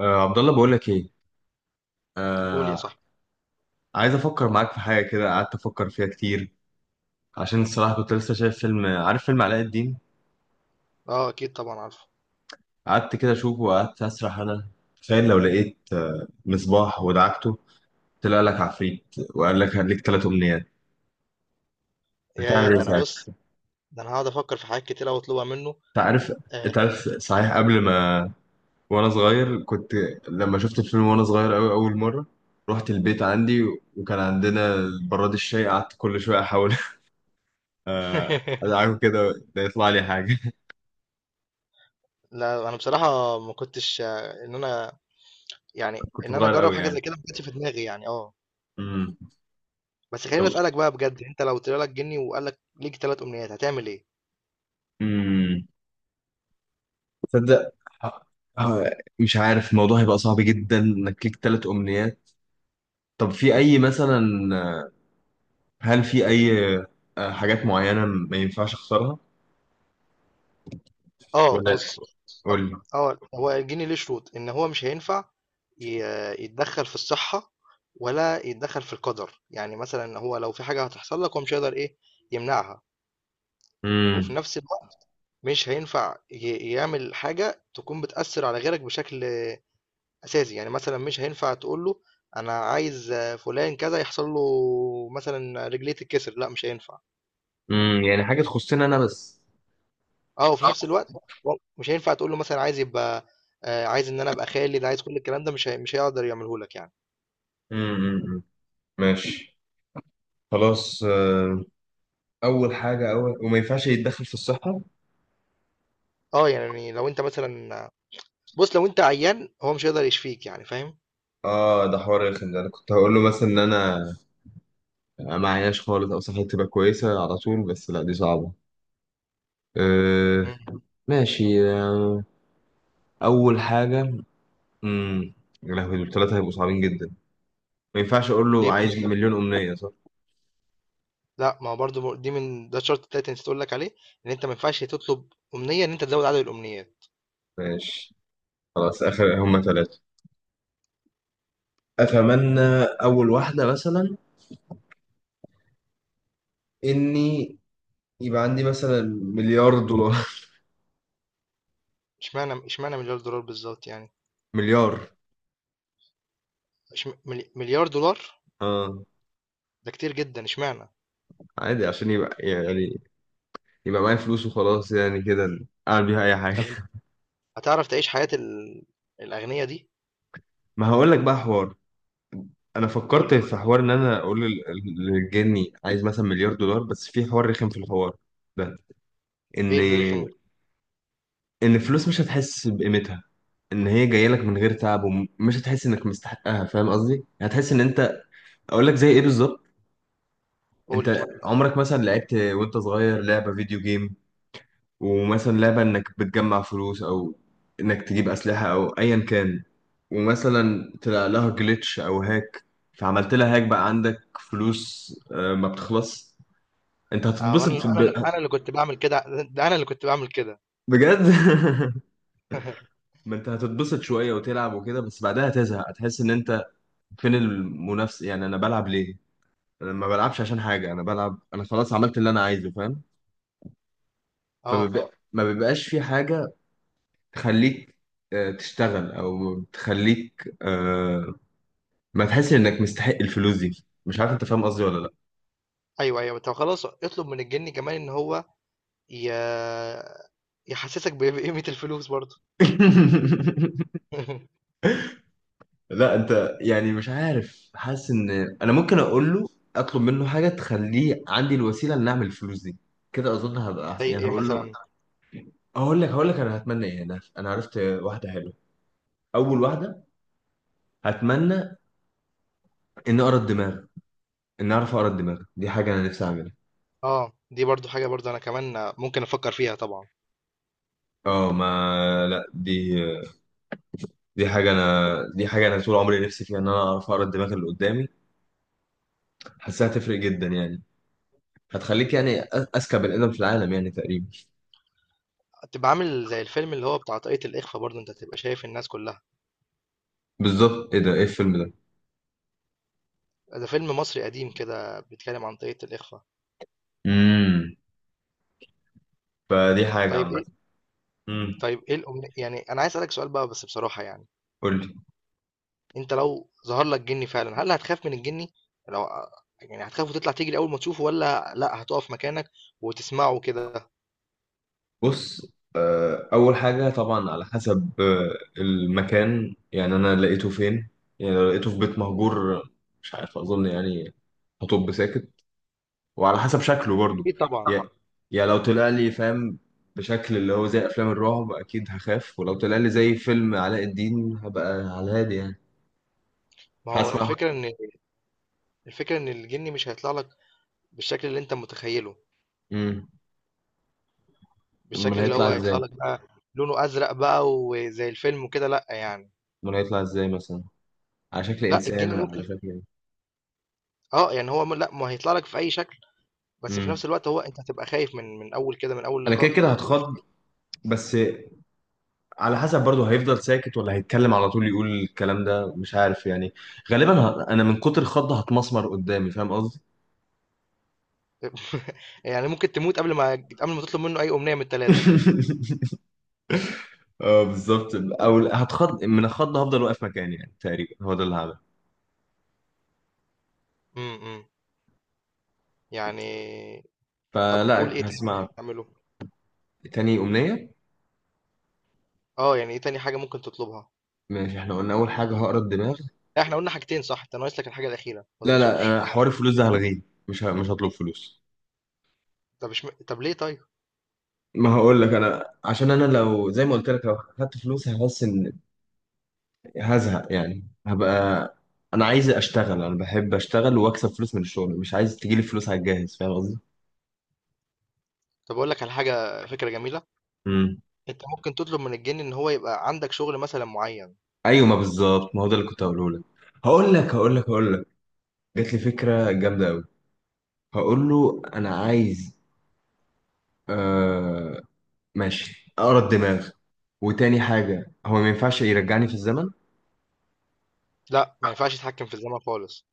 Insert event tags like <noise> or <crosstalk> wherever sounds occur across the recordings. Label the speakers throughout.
Speaker 1: آه، عبد الله، بقول لك ايه.
Speaker 2: قول يا
Speaker 1: آه،
Speaker 2: صاحبي.
Speaker 1: عايز افكر معاك في حاجه كده. قعدت افكر فيها كتير عشان الصراحه كنت لسه شايف فيلم. عارف فيلم علاء الدين؟
Speaker 2: اه، اكيد طبعا عارفه.
Speaker 1: قعدت كده اشوفه وقعدت اسرح انا. تخيل لو لقيت مصباح ودعكته، طلع لك عفريت وقال لك هديك ثلاث امنيات. هتعمل
Speaker 2: يا
Speaker 1: ايه
Speaker 2: ده انا بص،
Speaker 1: ساعتها؟
Speaker 2: ده انا هقعد افكر في حاجات كتير أوي اطلبها منه.
Speaker 1: انت عارف
Speaker 2: آه،
Speaker 1: انت عارف صحيح. قبل ما وانا صغير كنت لما شفت الفيلم وانا صغير قوي اول مره، رحت البيت عندي وكان عندنا براد الشاي، قعدت كل شويه احاول <laughs>
Speaker 2: <laughs>
Speaker 1: ادعكه كده ده يطلع لي حاجه.
Speaker 2: لا، انا بصراحه ما كنتش آه، ان انا يعني
Speaker 1: كنت
Speaker 2: ان انا
Speaker 1: صغير
Speaker 2: اجرب
Speaker 1: قوي
Speaker 2: حاجه
Speaker 1: يعني.
Speaker 2: زي كده، ما كانتش في دماغي يعني اه
Speaker 1: امم.
Speaker 2: بس
Speaker 1: طب،
Speaker 2: خليني اسالك بقى بجد، انت لو طلع لك جني وقال لك ليك ثلاث امنيات هتعمل ايه؟
Speaker 1: امم تصدق، مش عارف الموضوع هيبقى صعب جدا انك ليك ثلاث امنيات. طب في اي مثلا، آه، هل في اي حاجات معينة ما ينفعش اخسرها،
Speaker 2: اه،
Speaker 1: ولا؟
Speaker 2: بص. أو-
Speaker 1: قول لي.
Speaker 2: اه، هو الجني ليه شروط ان هو مش هينفع يتدخل في الصحه، ولا يتدخل في القدر، يعني مثلا هو لو في حاجه هتحصل لك، هو مش هيقدر، ايه، يمنعها. وفي
Speaker 1: امم
Speaker 2: نفس مش هينفع يعمل حاجة تكون بتأثّر على غيرك بشكل أساسي، يعني مثلًا مش هينفع تقول له أنا عايز فلان كذا يحصل له، مثلًا رجليه تتكسر، لأ مش هينفع.
Speaker 1: امم، يعني حاجة تخصني انا بس.
Speaker 2: وفي نفس الوقت، و مش هينفع تقول له مثلًا عايز يبقى، عايز إن أنا أبقى خالد، عايز كل الكلام ده مش هيقدر يعمله لك يعني.
Speaker 1: أمم، أمم. ماشي، خلاص. اول حاجة اول وما ينفعش يتدخل في الصحة.
Speaker 2: يعني لو أنت مثلًا، بُص، لو أنت عيان هو مش هيقدر يشفيك، يعني فاهم؟
Speaker 1: اه، ده حوار رخم. ده انا كنت هقول له مثلا ان انا ما عيناش خالص او صحتي تبقى كويسة على طول، بس لا دي صعبة. أه.
Speaker 2: إمم.
Speaker 1: ماشي. أه. أول حاجة. امم. يا لهوي، دول ثلاثة هيبقوا صعبين جدا. ما ينفعش أقول له
Speaker 2: إيه
Speaker 1: عايز
Speaker 2: المشكلة؟
Speaker 1: مليون أمنية، صح؟
Speaker 2: لأ، ما هو برضه م دي من ده الشرط التالت اللي نسيت أقول لك عليه، إن أنت ما ينفعش تطلب أمنية إن أنت تزوّد عدد الأمنيات.
Speaker 1: ماشي، خلاص. آخر هما ثلاثة. أتمنى أول واحدة مثلا إني يبقى عندي مثلا مليار دولار.
Speaker 2: اشمعنى مليار دولار بالظبط، يعني؟
Speaker 1: <laughs> مليار،
Speaker 2: مليار دولار.
Speaker 1: اه.
Speaker 2: ده كتير جدا، اشمعنى؟
Speaker 1: عادي، عشان يبقى يعني يبقى معايا فلوس وخلاص، يعني كده أعمل بيها أي حاجة.
Speaker 2: طب انت هتعرف تعيش حياة الأغنياء دي؟
Speaker 1: <laughs> ما هقول لك بقى حوار. انا
Speaker 2: قول
Speaker 1: فكرت
Speaker 2: لي.
Speaker 1: في حوار ان انا اقول للجني عايز مثلا مليار دولار، بس في حوار رخم في الحوار ده، ان
Speaker 2: ايه اللي رخم؟
Speaker 1: ان الفلوس مش هتحس بقيمتها، ان هي جايه لك من غير تعب، ومش هتحس انك مستحقها. فاهم قصدي؟ هتحس ان انت... اقول لك زي ايه بالظبط.
Speaker 2: قول لي.
Speaker 1: انت عمرك مثلا لعبت وانت صغير لعبه فيديو جيم، ومثلا لعبه انك بتجمع فلوس، او انك تجيب اسلحه او ايا كان، ومثلا طلع لها جلitch او هاك، فعملت لها هاك بقى عندك فلوس ما بتخلص. انت
Speaker 2: اه. انا
Speaker 1: هتتبسط
Speaker 2: انا انا اللي كنت بعمل كده، ده انا اللي كنت بعمل كده.
Speaker 1: بجد.
Speaker 2: <laughs>
Speaker 1: <laughs> ما انت هتتبسط شويه وتلعب وكده، بس بعدها هتزهق، هتحس ان انت فين المنافسة، يعني انا بلعب ليه؟ انا ما بلعبش عشان حاجة، انا بلعب... انا خلاص عملت اللي انا عايزه، فاهم؟
Speaker 2: اه.
Speaker 1: ما بيبقاش في حاجة تخليك تشتغل، او تخليك ما تحس انك مستحق الفلوس دي. مش عارف انت فاهم قصدي ولا لا.
Speaker 2: ايوه، ايوه، طب خلاص، اطلب من الجن كمان ان هو ي... يحسسك بقيمة الفلوس برضه.
Speaker 1: <laughs>
Speaker 2: <laughs>
Speaker 1: لا، انت يعني مش عارف، حاسس ان انا ممكن اقول له اطلب منه حاجة تخليه عندي الوسيلة ان اعمل الفلوس دي. كده اظن هبقى
Speaker 2: زي
Speaker 1: احسن. يعني
Speaker 2: ايه
Speaker 1: هقول له...
Speaker 2: مثلا؟
Speaker 1: هقول لك انا هتمنى ايه. انا عرفت واحدة حلوة. اول واحدة، اتمنى ان اقرا الدماغ. ان اعرف اقرا الدماغ، دي حاجه انا نفسي اعملها.
Speaker 2: اه، دي برضو حاجة، برضو انا كمان ممكن افكر فيها طبعا.
Speaker 1: اه، ما لا، دي حاجه انا دي حاجه انا طول عمري نفسي فيها، ان انا اعرف اقرا الدماغ اللي قدامي. حاسها هتفرق جدا يعني، هتخليك يعني اذكى بني ادم في العالم يعني تقريبا.
Speaker 2: تبقى عامل زي الفيلم اللي هو بتاع طاقية الإخفاء، برضو انت تبقى شايف الناس كلها.
Speaker 1: بالظبط، ايه ده؟ ايه الفيلم ده؟
Speaker 2: ده فيلم مصري قديم كده بيتكلم عن طريقة الإخفاء.
Speaker 1: امم. فدي حاجه
Speaker 2: طيب
Speaker 1: عامه.
Speaker 2: إيه؟
Speaker 1: امم.
Speaker 2: طيب إيه الأمنية؟ يعني أنا عايز أسألك سؤال بقى بس بصراحة، يعني.
Speaker 1: قول لي.
Speaker 2: أنت لو ظهر لك جني فعلا، هل هتخاف من الجني؟ لو يعني هتخاف وتطلع تجري أول ما تشوفه، ولا لأ، هتقف مكانك وتسمعه كده؟
Speaker 1: بص، اول حاجه طبعا على حسب المكان، يعني انا لقيته فين. يعني لو لقيته في بيت مهجور مش عارف، اظن يعني هطب ساكت، وعلى حسب شكله برضه.
Speaker 2: أكيد طبعا.
Speaker 1: يا طبعا. يا لو طلع لي فاهم بشكل اللي هو زي افلام الرعب، اكيد هخاف. ولو طلع لي زي فيلم علاء الدين هبقى على الهادي يعني،
Speaker 2: ما هو
Speaker 1: هسمع.
Speaker 2: الفكرة إن الجني مش هيطلع لك بالشكل اللي أنت متخيله،
Speaker 1: امم. امال
Speaker 2: بالشكل اللي
Speaker 1: هيطلع
Speaker 2: هو هيطلع
Speaker 1: ازاي؟
Speaker 2: لك بقى. لونه أزرق بقى وزي الفيلم وكده، لأ يعني.
Speaker 1: امال هيطلع ازاي مثلا؟ على شكل
Speaker 2: لأ،
Speaker 1: انسان
Speaker 2: الجني
Speaker 1: ولا على
Speaker 2: ممكن،
Speaker 1: شكل ايه؟
Speaker 2: اه يعني هو لأ ما هيطلع لك في أي شكل. بس في
Speaker 1: امم.
Speaker 2: نفس الوقت، هو أنت هتبقى خايف من أول كده، من أول
Speaker 1: انا
Speaker 2: لقاء
Speaker 1: كده كده
Speaker 2: هتبقى خايف.
Speaker 1: هتخض. بس على حسب برضه، هيفضل ساكت ولا هيتكلم على طول يقول الكلام ده، مش عارف يعني. غالبا انا من كتر الخض هتمسمر قدامي، فاهم قصدي؟
Speaker 2: <laughs> يعني ممكن تموت قبل ما تطلب منه أي أمنية من التلاتة.
Speaker 1: <laughs> اه بالظبط، او هتخض من الخض هفضل واقف مكاني، يعني تقريبا هو ده اللي هعمله.
Speaker 2: امم، أمم. يعني. طب قول،
Speaker 1: فلا
Speaker 2: إيه تاني ممكن
Speaker 1: هسمع.
Speaker 2: تعمله؟
Speaker 1: تاني امنيه.
Speaker 2: أه، يعني إيه تاني حاجة ممكن تطلبها؟
Speaker 1: ماشي، احنا قلنا اول حاجه هقرا الدماغ.
Speaker 2: لا، إحنا قلنا حاجتين صح؟ أنت ناقص لك الحاجة الأخيرة، ما
Speaker 1: لا لا،
Speaker 2: تنصبش.
Speaker 1: أنا حوار الفلوس ده هلغيه. مش هطلب فلوس.
Speaker 2: طب مش م... طب ليه، طيب؟
Speaker 1: ما هقول لك، انا عشان انا لو زي ما قلت لك لو خدت فلوس هحس ان... هزهق، يعني هبقى... انا عايز اشتغل، انا بحب اشتغل واكسب فلوس من الشغل، مش عايز تجيلي فلوس على الجاهز، فاهم قصدي؟
Speaker 2: طب أقول لك على حاجة، فكرة جميلة.
Speaker 1: امم.
Speaker 2: أنت ممكن تطلب من الجن إن هو يبقى عندك شغل مثلا معين.
Speaker 1: ايوه، ما بالظبط، ما هو ده اللي كنت هقوله لك. هقول لك جات لي فكره جامده قوي. هقول له انا عايز آه ماشي اقرا الدماغ. وتاني حاجه هو ما ينفعش يرجعني في الزمن.
Speaker 2: لا، ما ينفعش يتحكم في الزمن خالص.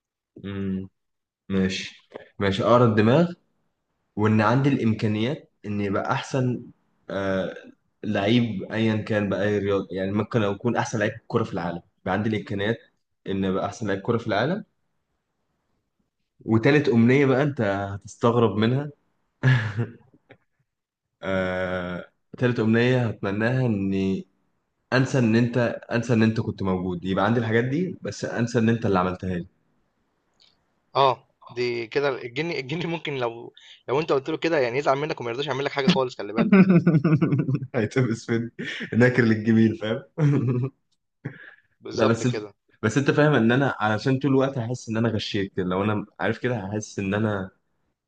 Speaker 1: مم. ماشي. ماشي اقرا الدماغ، وان عندي الامكانيات اني يبقى احسن آه لعيب ايا كان، باي رياضه، يعني ممكن اكون احسن لعيب كره في العالم، يبقى عندي الامكانيات ان ابقى احسن لعيب كره في العالم. وتالت امنيه بقى انت هتستغرب منها. <laughs> آه، تالت أمنية هتمناها إني انسى ان انت... انسى ان انت كنت موجود. يبقى عندي الحاجات دي، بس انسى ان انت اللي عملتها لي.
Speaker 2: أه، دي كده الجن ممكن، لو انت قلت له كده يعني، يزعل منك وما يرضاش يعمل لك حاجه خالص، خلي بالك.
Speaker 1: <laughs> هيتبس فين، ناكر للجميل، فاهم؟ <laughs> لا،
Speaker 2: بالظبط
Speaker 1: بس انت
Speaker 2: كده.
Speaker 1: بس انت فاهم ان انا، علشان طول الوقت هحس ان انا غشيت كده، لو انا عارف كده هحس ان انا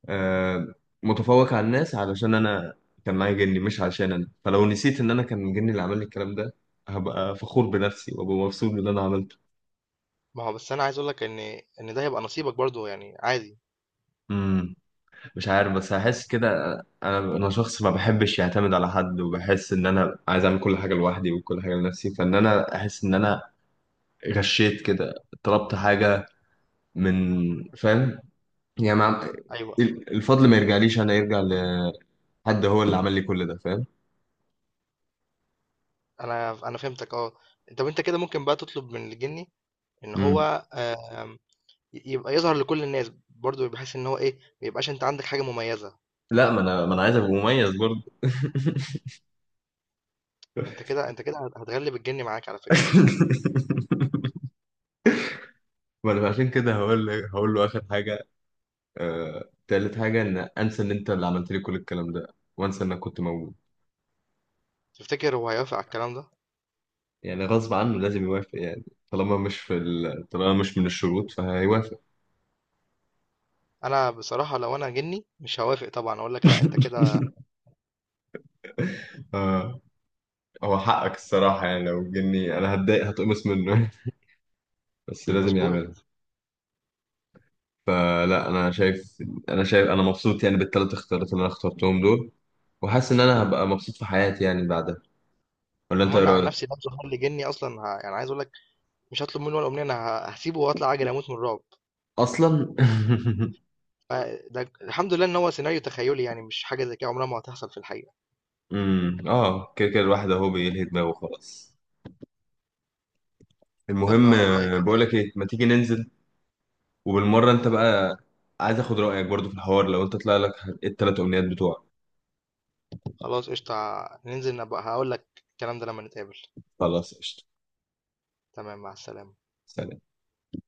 Speaker 1: آه، متفوق على الناس علشان انا كان معايا جني، مش عشان انا. فلو نسيت ان انا كان جني اللي عمل لي الكلام ده، هبقى فخور بنفسي وابقى مبسوط باللي انا عملته.
Speaker 2: ما هو بس انا عايز اقول لك ان ده هيبقى نصيبك برضو، يعني عادي.
Speaker 1: مش عارف، بس هحس كده. انا شخص ما بحبش يعتمد على حد، وبحس ان انا عايز اعمل كل حاجه لوحدي وكل حاجه لنفسي، فان انا احس ان انا غشيت كده، طلبت حاجه من... فاهم؟ يعني
Speaker 2: ايوه،
Speaker 1: الفضل ما يرجعليش انا، يرجع لحد هو اللي عمل لي كل ده، فاهم؟
Speaker 2: انا فهمتك، اه. طب انت كده ممكن بقى تطلب من الجني ان
Speaker 1: مم.
Speaker 2: هو، آم، يبقى يظهر لكل الناس برضو، بحيث ان هو، ايه، ما يبقاش انت عندك حاجه مميزه.
Speaker 1: لا، ما انا عايز ابقى مميز برضه.
Speaker 2: انت كده هتغلب الجني معاك على فكره.
Speaker 1: <laughs> ما انا عشان كده هقول له اخر حاجه تالت حاجه، ان انسى ان انت اللي عملت لي كل الكلام ده، وانسى انك كنت موجود.
Speaker 2: تفتكر هو هيوافق على الكلام ده؟
Speaker 1: يعني غصب عنه لازم يوافق، يعني طالما مش طالما مش من الشروط فهيوافق.
Speaker 2: انا بصراحه، لو انا جني مش هوافق طبعا، اقول لك لا انت كده.
Speaker 1: <laughs> آه هو حقك الصراحة، يعني لو جني أنا هتضايق هتقمص منه. <laughs> بس لازم يعملها.
Speaker 2: مظبوط.
Speaker 1: فلا، أنا شايف أنا مبسوط يعني بالثلاث اختيارات اللي أنا اخترتهم دول، وحاسس إن أنا هبقى مبسوط في حياتي يعني بعدها. ولا أنت إيه
Speaker 2: منع عن
Speaker 1: رأيك؟
Speaker 2: نفسي، لو ظهر لي جني اصلا، يعني عايز اقول لك، مش هطلب منه ولا امنيه. انا هسيبه واطلع اجري اموت من الرعب.
Speaker 1: أصلا. <laughs>
Speaker 2: ده الحمد لله ان هو سيناريو تخيلي، يعني مش حاجه زي كده عمرها ما هتحصل في الحقيقه.
Speaker 1: أمم. كده كده الواحد أهو بيلهي دماغه، خلاص.
Speaker 2: يلا
Speaker 1: المهم،
Speaker 2: والله كده.
Speaker 1: بقولك إيه، ما تيجي ننزل وبالمرة انت بقى، عايز اخد رأيك برضو في الحوار لو انت طلع لك التلات امنيات بتوعك.
Speaker 2: خلاص قشطه. ننزل، نبقى هقول لك الكلام ده لما نتقابل.
Speaker 1: خلاص، قشطة.
Speaker 2: تمام، مع السلامه.
Speaker 1: سلام.